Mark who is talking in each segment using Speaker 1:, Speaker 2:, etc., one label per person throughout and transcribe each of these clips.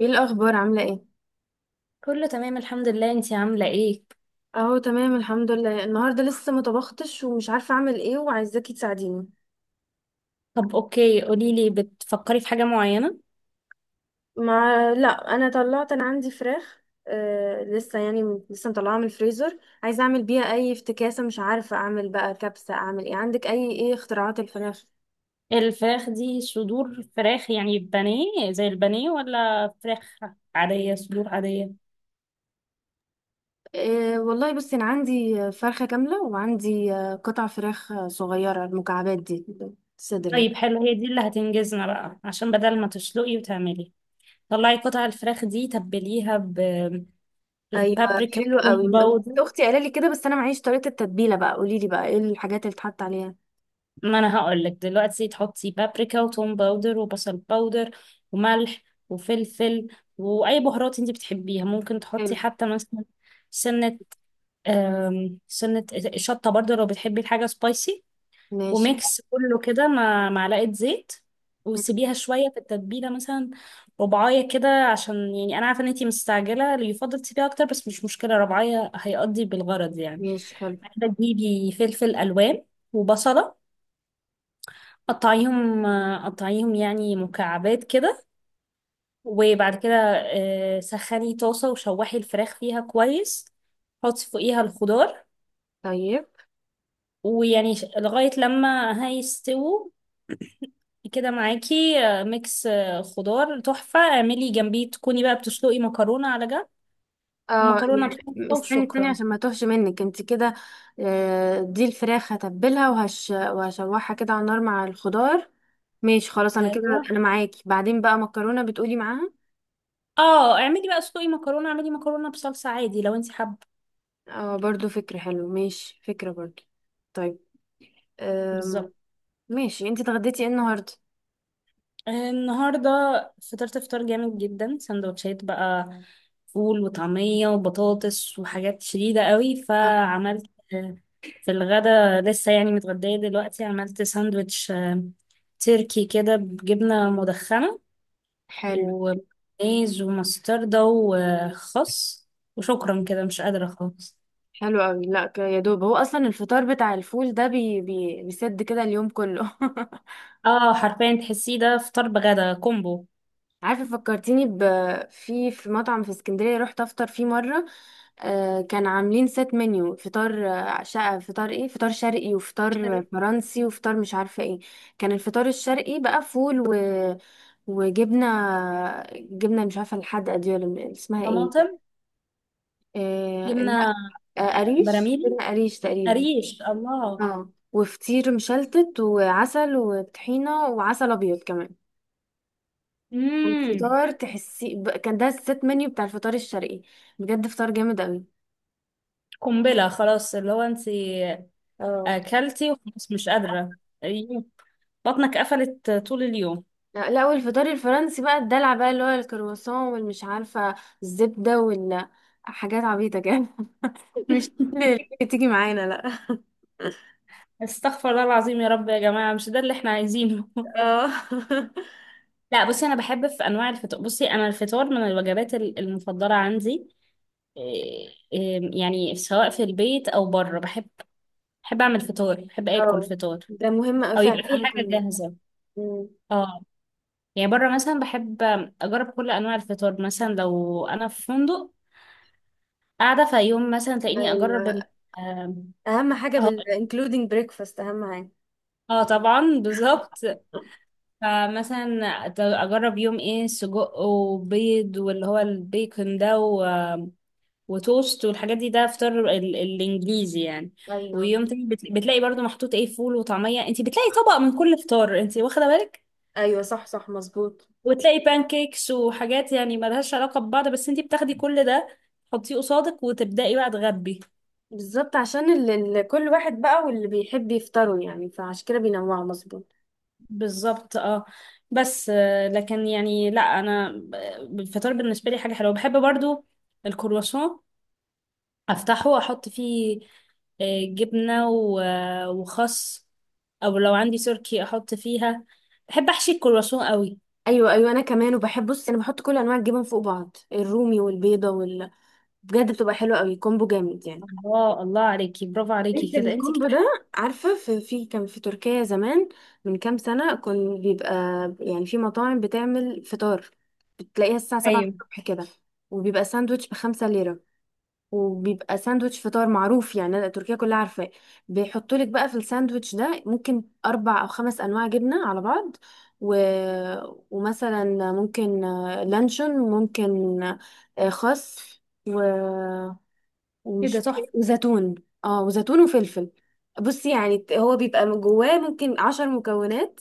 Speaker 1: ايه الاخبار؟ عامله ايه؟
Speaker 2: كله تمام، الحمد لله، انتي عاملة ايه؟
Speaker 1: اهو تمام الحمد لله. النهارده لسه ما طبختش ومش عارفه اعمل ايه، وعايزاكي تساعديني.
Speaker 2: طب اوكي، قوليلي، بتفكري في حاجة معينة؟
Speaker 1: ما لا، انا عندي فراخ. لسه يعني لسه مطلعاها من الفريزر. عايزه اعمل بيها اي افتكاسه، مش عارفه اعمل بقى كبسه، اعمل ايه؟ عندك اي، ايه اختراعات الفراخ؟
Speaker 2: الفراخ دي صدور فراخ يعني بانيه زي البانيه، ولا فراخ عادية صدور عادية؟
Speaker 1: والله بصي، انا عندي فرخه كامله، وعندي قطع فراخ، صغيره، المكعبات دي. صدر يعني.
Speaker 2: طيب حلو، هي دي اللي هتنجزنا بقى، عشان بدل ما تسلقي وتعملي، طلعي قطع الفراخ دي، تبليها
Speaker 1: ايوه،
Speaker 2: ببابريكا
Speaker 1: حلو قوي.
Speaker 2: كومباود.
Speaker 1: اختي قالت لي كده، بس انا معيش طريقه التتبيله، بقى قولي لي بقى ايه الحاجات اللي اتحط عليها.
Speaker 2: ما انا هقول لك دلوقتي، تحطي بابريكا وتوم باودر وبصل باودر وملح وفلفل واي بهارات انت بتحبيها، ممكن
Speaker 1: حلو.
Speaker 2: تحطي حتى مثلا سنة سنة شطة برضه لو بتحبي الحاجة سبايسي.
Speaker 1: ماشي.
Speaker 2: وميكس كله كده مع معلقة زيت، وسيبيها شوية في التتبيلة، مثلا ربعاية كده، عشان يعني أنا عارفة إن أنتي مستعجلة، اللي يفضل تسيبيها أكتر، بس مش مشكلة، ربعاية هيقضي بالغرض يعني.
Speaker 1: ماشي حلو.
Speaker 2: بعد كده تجيبي فلفل ألوان وبصلة، قطعيهم قطعيهم يعني مكعبات كده. وبعد كده سخني طاسة وشوحي الفراخ فيها كويس، حطي فوقيها الخضار،
Speaker 1: طيب.
Speaker 2: ويعني لغاية لما هيستووا كده. معاكي ميكس خضار تحفة، اعملي جنبيه، تكوني بقى بتسلقي مكرونة على جنب،
Speaker 1: اه،
Speaker 2: ومكرونة
Speaker 1: يعني
Speaker 2: بصلصة،
Speaker 1: استني التانية
Speaker 2: وشكرا.
Speaker 1: عشان ما توهش منك انت كده. دي الفراخ هتبلها وهش وهشوحها كده على النار مع الخضار. ماشي خلاص، انا كده.
Speaker 2: ايوه.
Speaker 1: انا معاكي. بعدين بقى مكرونة بتقولي معاها؟
Speaker 2: اه، اعملي بقى، اسلقي مكرونة، اعملي مكرونة بصلصة عادي لو انت حابة.
Speaker 1: اه، برضو فكرة حلو. ماشي، فكرة برضو. طيب. أم...
Speaker 2: بالظبط.
Speaker 1: ماشي. انت اتغديتي ايه النهاردة؟
Speaker 2: النهاردة فطرت فطار جامد جدا، سندوتشات بقى، فول وطعمية وبطاطس وحاجات شديدة قوي،
Speaker 1: آه،
Speaker 2: فعملت آه، في الغدا، لسه يعني متغدية دلوقتي، عملت ساندوتش تركي كده بجبنة مدخنة
Speaker 1: حلو.
Speaker 2: ومايز ومستردة وخس، وشكرا كده مش قادرة خالص.
Speaker 1: حلو قوي. لا، يا دوب، هو اصلا الفطار بتاع الفول ده بيسد كده اليوم كله.
Speaker 2: اه، حرفيا تحسيه ده فطار بغدا كومبو.
Speaker 1: عارفة، فكرتيني في مطعم في اسكندرية رحت افطر فيه مرة. آه، كان عاملين سيت منيو فطار، شقة فطار، ايه، فطار شرقي وفطار
Speaker 2: شربت.
Speaker 1: فرنسي وفطار مش عارفة ايه. كان الفطار الشرقي بقى فول وجبنة. جبنة مش عارفة الحدقة دي ولا اسمها ايه.
Speaker 2: طماطم. جبنة
Speaker 1: لا. آه، قريش،
Speaker 2: براميل.
Speaker 1: جبنة قريش تقريبا.
Speaker 2: قريش، الله.
Speaker 1: اه، وفطير مشلتت وعسل وطحينة وعسل ابيض كمان.
Speaker 2: امم.
Speaker 1: الفطار تحسي كان ده الست منيو بتاع الفطار الشرقي. بجد فطار جامد قوي.
Speaker 2: قنبلة خلاص، اللي هو انت
Speaker 1: اه.
Speaker 2: اكلتي وخلاص مش قادرة. أيوه. بطنك قفلت طول اليوم.
Speaker 1: لا لا، والفطار الفرنسي بقى الدلع، بقى اللي هو الكرواسون والمش عارفة الزبدة حاجات عبيطة كده. مش كل اللي تيجي معانا، لا.
Speaker 2: استغفر الله العظيم، يا رب، يا جماعة مش ده اللي احنا عايزينه.
Speaker 1: اه.
Speaker 2: لا بصي انا الفطار من الوجبات المفضلة عندي، إيه- إيه، يعني سواء في البيت او بره بحب، بحب اعمل فطار، بحب اكل
Speaker 1: اه،
Speaker 2: فطار،
Speaker 1: ده مهم أوي
Speaker 2: او
Speaker 1: فعلا،
Speaker 2: يبقى في
Speaker 1: انا
Speaker 2: حاجة
Speaker 1: كمان.
Speaker 2: جاهزة.
Speaker 1: أمم،
Speaker 2: اه، يعني بره مثلا بحب اجرب كل انواع الفطار، مثلا لو انا في فندق قاعدة في يوم، مثلا تلاقيني أجرب ال
Speaker 1: ايوه،
Speaker 2: آم،
Speaker 1: اهم حاجه
Speaker 2: اه
Speaker 1: including breakfast، اهم حاجه.
Speaker 2: اه، طبعا بالظبط. فمثلا أجرب يوم ايه سجق وبيض، واللي هو البيكون ده وتوست والحاجات دي، ده فطار الإنجليزي يعني.
Speaker 1: ايوه،
Speaker 2: ويوم تاني بتلاقي برضو محطوط ايه فول وطعمية، انتي بتلاقي طبق من كل فطار، انتي واخدة بالك،
Speaker 1: ايوه، صح صح، مظبوط.
Speaker 2: وتلاقي بانكيكس وحاجات يعني ملهاش علاقة ببعض، بس انتي بتاخدي كل ده تحطيه قصادك، وتبدأي بقى تغبي.
Speaker 1: بالظبط، عشان اللي كل واحد بقى، واللي بيحب يفطروا يعني، فعشان كده بينوعوا، مظبوط.
Speaker 2: بالظبط اه. بس لكن يعني لا انا، الفطار بالنسبه لي حاجه حلوه. بحب برضو الكرواسون، افتحه واحط فيه جبنه وخس، او لو عندي تركي احط فيها. بحب احشي الكرواسون قوي.
Speaker 1: ايوه ايوه، انا كمان. وبحب، بص، انا بحط كل انواع الجبن فوق بعض، الرومي والبيضه بجد بتبقى حلوه قوي، كومبو جامد يعني.
Speaker 2: الله الله عليكي، برافو عليكي
Speaker 1: انت
Speaker 2: كده، انت
Speaker 1: الكومبو
Speaker 2: كده.
Speaker 1: ده. عارفه، في كان في تركيا زمان، من كام سنه، كان بيبقى يعني في مطاعم بتعمل فطار، بتلاقيها الساعه 7
Speaker 2: ايوه
Speaker 1: الصبح كده. وبيبقى ساندوتش ب5 ليرة، وبيبقى ساندوتش فطار معروف، يعني أنا تركيا كلها عارفاه. بيحطوا لك بقى في الساندوتش ده ممكن اربع او خمس انواع جبنه على بعض، و... ومثلا ممكن لانشون، ممكن خس، و... ومش
Speaker 2: كده تحفه.
Speaker 1: وزيتون. اه، وزيتون وفلفل. بصي، يعني هو بيبقى من جواه ممكن 10 مكونات،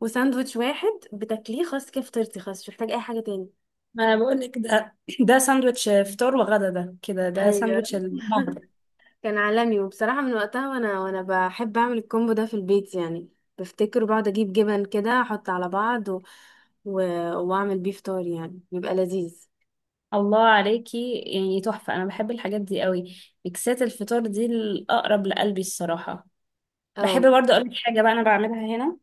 Speaker 1: وساندوتش واحد بتاكليه، خلاص كده فطرتي، خلاص مش محتاج اي حاجه تاني.
Speaker 2: ما انا بقول لك ده، ده ساندوتش فطار وغدا، ده كده ده
Speaker 1: ايوه.
Speaker 2: ساندوتش الدمار.
Speaker 1: كان عالمي، وبصراحة من وقتها، وانا بحب اعمل الكومبو ده في البيت يعني. بفتكر وبقعد اجيب جبن كده احط على بعض، و... واعمل بيه فطار، يعني بيبقى لذيذ.
Speaker 2: الله عليكي يعني تحفة. أنا بحب الحاجات دي قوي، ميكسات الفطار دي الأقرب لقلبي الصراحة. بحب
Speaker 1: اه.
Speaker 2: برضه أقولك حاجة بقى أنا بعملها هنا،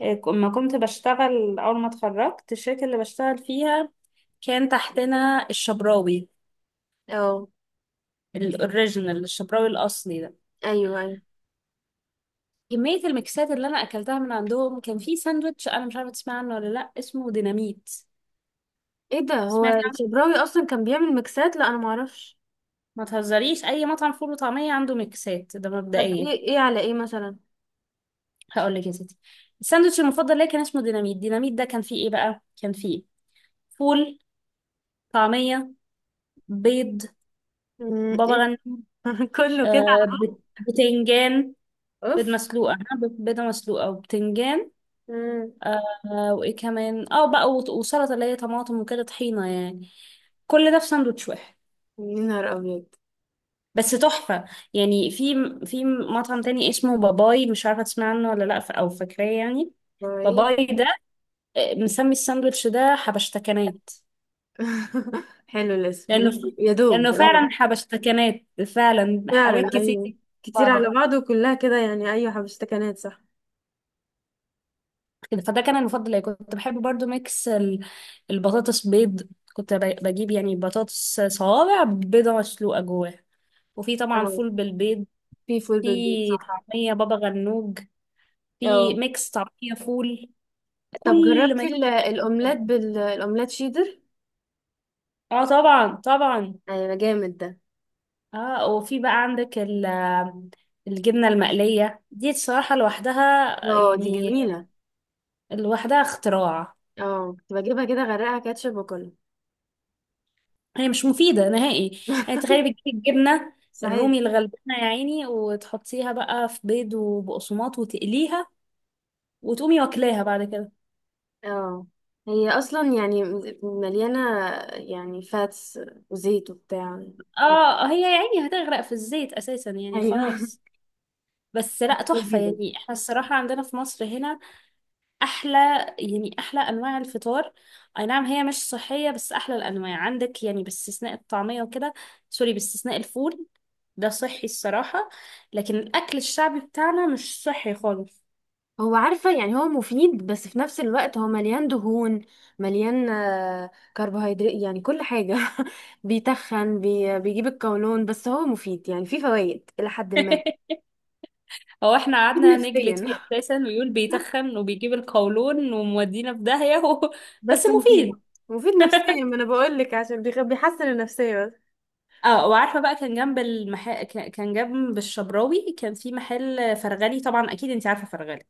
Speaker 2: لما كنت بشتغل، أول ما اتخرجت، الشركة اللي بشتغل فيها كان تحتنا الشبراوي،
Speaker 1: اه.
Speaker 2: الأوريجينال الشبراوي الأصلي ده.
Speaker 1: ايوه ايوه.
Speaker 2: كمية الميكسات اللي أنا أكلتها من عندهم، كان في ساندوتش، أنا مش عارفة تسمع عنه ولا لأ، اسمه ديناميت.
Speaker 1: ايه ده، هو
Speaker 2: سمعت عنه.
Speaker 1: الشبراوي اصلا كان بيعمل ميكسات؟ لا، انا معرفش.
Speaker 2: ما تهزريش، أي مطعم فول وطعمية عنده ميكسات، ده
Speaker 1: طب
Speaker 2: مبدئيا.
Speaker 1: ايه، ايه على ايه مثلا؟
Speaker 2: هقول لك يا ستي، الساندوتش المفضل ليا كان اسمه ديناميت. ديناميت ده كان فيه ايه بقى؟ كان فيه فول، طعمية، بيض، بابا
Speaker 1: ايه.
Speaker 2: غنوج،
Speaker 1: كله كده على بعض.
Speaker 2: بتنجان،
Speaker 1: اوف.
Speaker 2: بيضة مسلوقة وبتنجان،
Speaker 1: مم،
Speaker 2: آه وايه كمان، اه بقى، وسلطة اللي هي طماطم وكده، طحينة يعني. كل ده في ساندوتش واحد،
Speaker 1: يا نهار ابيض.
Speaker 2: بس تحفة يعني. في مطعم تاني اسمه باباي، مش عارفة تسمع عنه ولا لأ، أو فاكراه يعني.
Speaker 1: طيب.
Speaker 2: باباي ده مسمي الساندوتش ده حبشتكنات،
Speaker 1: حلو الاسم.
Speaker 2: لانه ف...
Speaker 1: يا
Speaker 2: لانه
Speaker 1: دوب اه.
Speaker 2: فعلا حبشتكنات، فعلا حاجات
Speaker 1: فعلا
Speaker 2: كتير في
Speaker 1: ايوه. كتير على
Speaker 2: بعضها
Speaker 1: بعض، وكلها كده يعني. ايوه، حبشتكنات، صح.
Speaker 2: كده. فده كان المفضل ليا. كنت بحب برضو ميكس البطاطس بيض، كنت بجيب يعني بطاطس صوابع، بيضة مسلوقة جواها، وفي طبعا
Speaker 1: اه.
Speaker 2: فول بالبيض،
Speaker 1: في فول بالبيت،
Speaker 2: في
Speaker 1: صح.
Speaker 2: طعمية، بابا غنوج، في
Speaker 1: اه.
Speaker 2: ميكس طعمية فول،
Speaker 1: طب
Speaker 2: كل ما
Speaker 1: جربتي
Speaker 2: يمكن.
Speaker 1: الاومليت الاومليت شيدر؟
Speaker 2: اه طبعا طبعا.
Speaker 1: ايوه، جامد ده.
Speaker 2: اه، وفي بقى عندك الجبنة المقلية دي، الصراحة لوحدها
Speaker 1: اه، دي
Speaker 2: يعني،
Speaker 1: جميله.
Speaker 2: لوحدها اختراع.
Speaker 1: اه، كنت بجيبها كده، غرقها كاتشب واكلها.
Speaker 2: هي مش مفيدة نهائي، يعني تخيلي بتجيبي الجبنة
Speaker 1: صحيح.
Speaker 2: الرومي الغلبانة يا عيني، وتحطيها بقى في بيض وبقسماط وتقليها، وتقومي واكلاها بعد كده.
Speaker 1: اه، هي اصلا يعني مليانه يعني فاتس وزيت وبتاع.
Speaker 2: اه، هي يا عيني هتغرق في الزيت اساسا يعني،
Speaker 1: ايوه.
Speaker 2: خلاص. بس لا تحفة
Speaker 1: جديدة.
Speaker 2: يعني، احنا الصراحة عندنا في مصر هنا احلى، يعني احلى انواع الفطار. اي نعم هي مش صحية، بس احلى الانواع عندك يعني، باستثناء الطعمية وكده، سوري باستثناء الفول، ده صحي الصراحة. لكن الاكل الشعبي بتاعنا مش صحي خالص.
Speaker 1: هو عارفة، يعني هو مفيد، بس في نفس الوقت هو مليان دهون، مليان كربوهيدرات، يعني كل حاجة. بيتخن، بيجيب القولون، بس هو مفيد يعني، فيه فوائد إلى حد ما.
Speaker 2: هو احنا
Speaker 1: مفيد
Speaker 2: قعدنا نجلد
Speaker 1: نفسيا.
Speaker 2: فيه اساسا ويقول بيتخن وبيجيب القولون، ومودينا في داهية. بس
Speaker 1: بس مفيد.
Speaker 2: مفيد.
Speaker 1: مفيد نفسيا، ما انا بقول لك، عشان بيحسن النفسية بس.
Speaker 2: اه، وعارفه بقى، كان جنب الشبراوي، كان في محل فرغلي، طبعا اكيد انت عارفه فرغلي،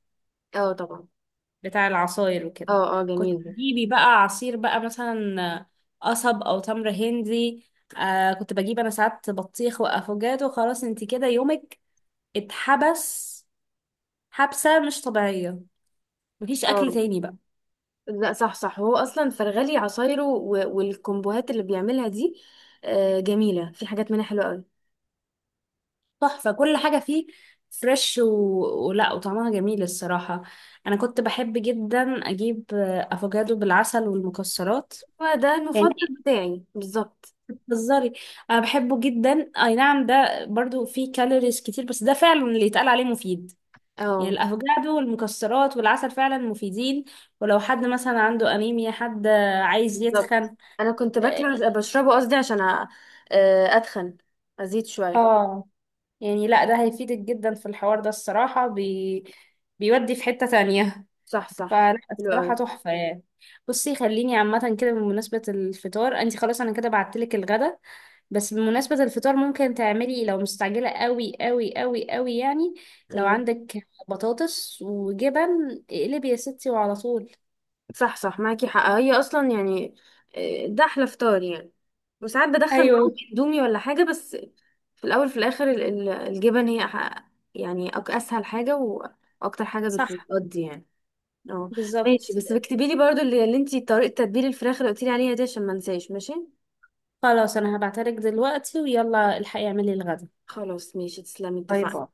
Speaker 1: اه، طبعا.
Speaker 2: بتاع العصاير وكده.
Speaker 1: اه. اه،
Speaker 2: كنت
Speaker 1: جميل ده.
Speaker 2: تجيبي بقى عصير بقى مثلا قصب او تمر هندي. كنت بجيب انا ساعات بطيخ وافوكادو، خلاص انت كده يومك اتحبس، حبسه مش طبيعيه، مفيش
Speaker 1: اه.
Speaker 2: اكل تاني بقى.
Speaker 1: لا، صح صح، هو اصلا فرغلي عصايره والكومبوهات اللي بيعملها دي جميلة، في حاجات منها حلوة قوي.
Speaker 2: تحفة، كل حاجة فيه فريش ولا، وطعمها جميل الصراحة. أنا كنت بحب جدا أجيب أفوكادو بالعسل والمكسرات.
Speaker 1: هو ده المفضل
Speaker 2: يعني
Speaker 1: بتاعي بالظبط.
Speaker 2: بتهزري، أنا بحبه جدا، أي نعم، ده برضو فيه كالوريز كتير، بس ده فعلا اللي يتقال عليه مفيد، يعني
Speaker 1: اه،
Speaker 2: الأفوكادو والمكسرات والعسل فعلا مفيدين. ولو حد مثلا عنده أنيميا، حد عايز
Speaker 1: بالظبط.
Speaker 2: يتخن،
Speaker 1: انا كنت
Speaker 2: آه،
Speaker 1: باكله، بشربه قصدي، عشان اتخن، ازيد شويه.
Speaker 2: اه، يعني لا ده هيفيدك جدا في الحوار ده الصراحة، بيودي في حتة تانية.
Speaker 1: صح صح.
Speaker 2: فلا
Speaker 1: حلو قوي.
Speaker 2: الصراحة تحفة يعني. بصي خليني عامة كده بمناسبة الفطار، انت خلاص انا كده بعتلك الغدا، بس بمناسبة الفطار ممكن تعملي لو مستعجلة قوي قوي قوي قوي يعني، لو
Speaker 1: ايوه،
Speaker 2: عندك بطاطس وجبن اقلبي يا ستي وعلى طول.
Speaker 1: صح صح، معاكي حق. هي اصلا يعني، ده احلى فطار يعني. وساعات بدخل معاهم
Speaker 2: ايوه
Speaker 1: اندومي ولا حاجه، بس في الاول، في الاخر، الجبن هي يعني اسهل حاجه، واكتر حاجه
Speaker 2: صح،
Speaker 1: بتقضي يعني. اه. ماشي.
Speaker 2: بالظبط.
Speaker 1: بس اكتبي لي برضو اللي, انتي طريقه تتبيل الفراخ اللي قلتي لي عليها دي، عشان ما انساش. ماشي.
Speaker 2: خلاص انا هبعتلك دلوقتي، ويلا الحقي اعملي الغدا.
Speaker 1: خلاص، ماشي. تسلمي،
Speaker 2: باي
Speaker 1: اتفقنا.
Speaker 2: باي.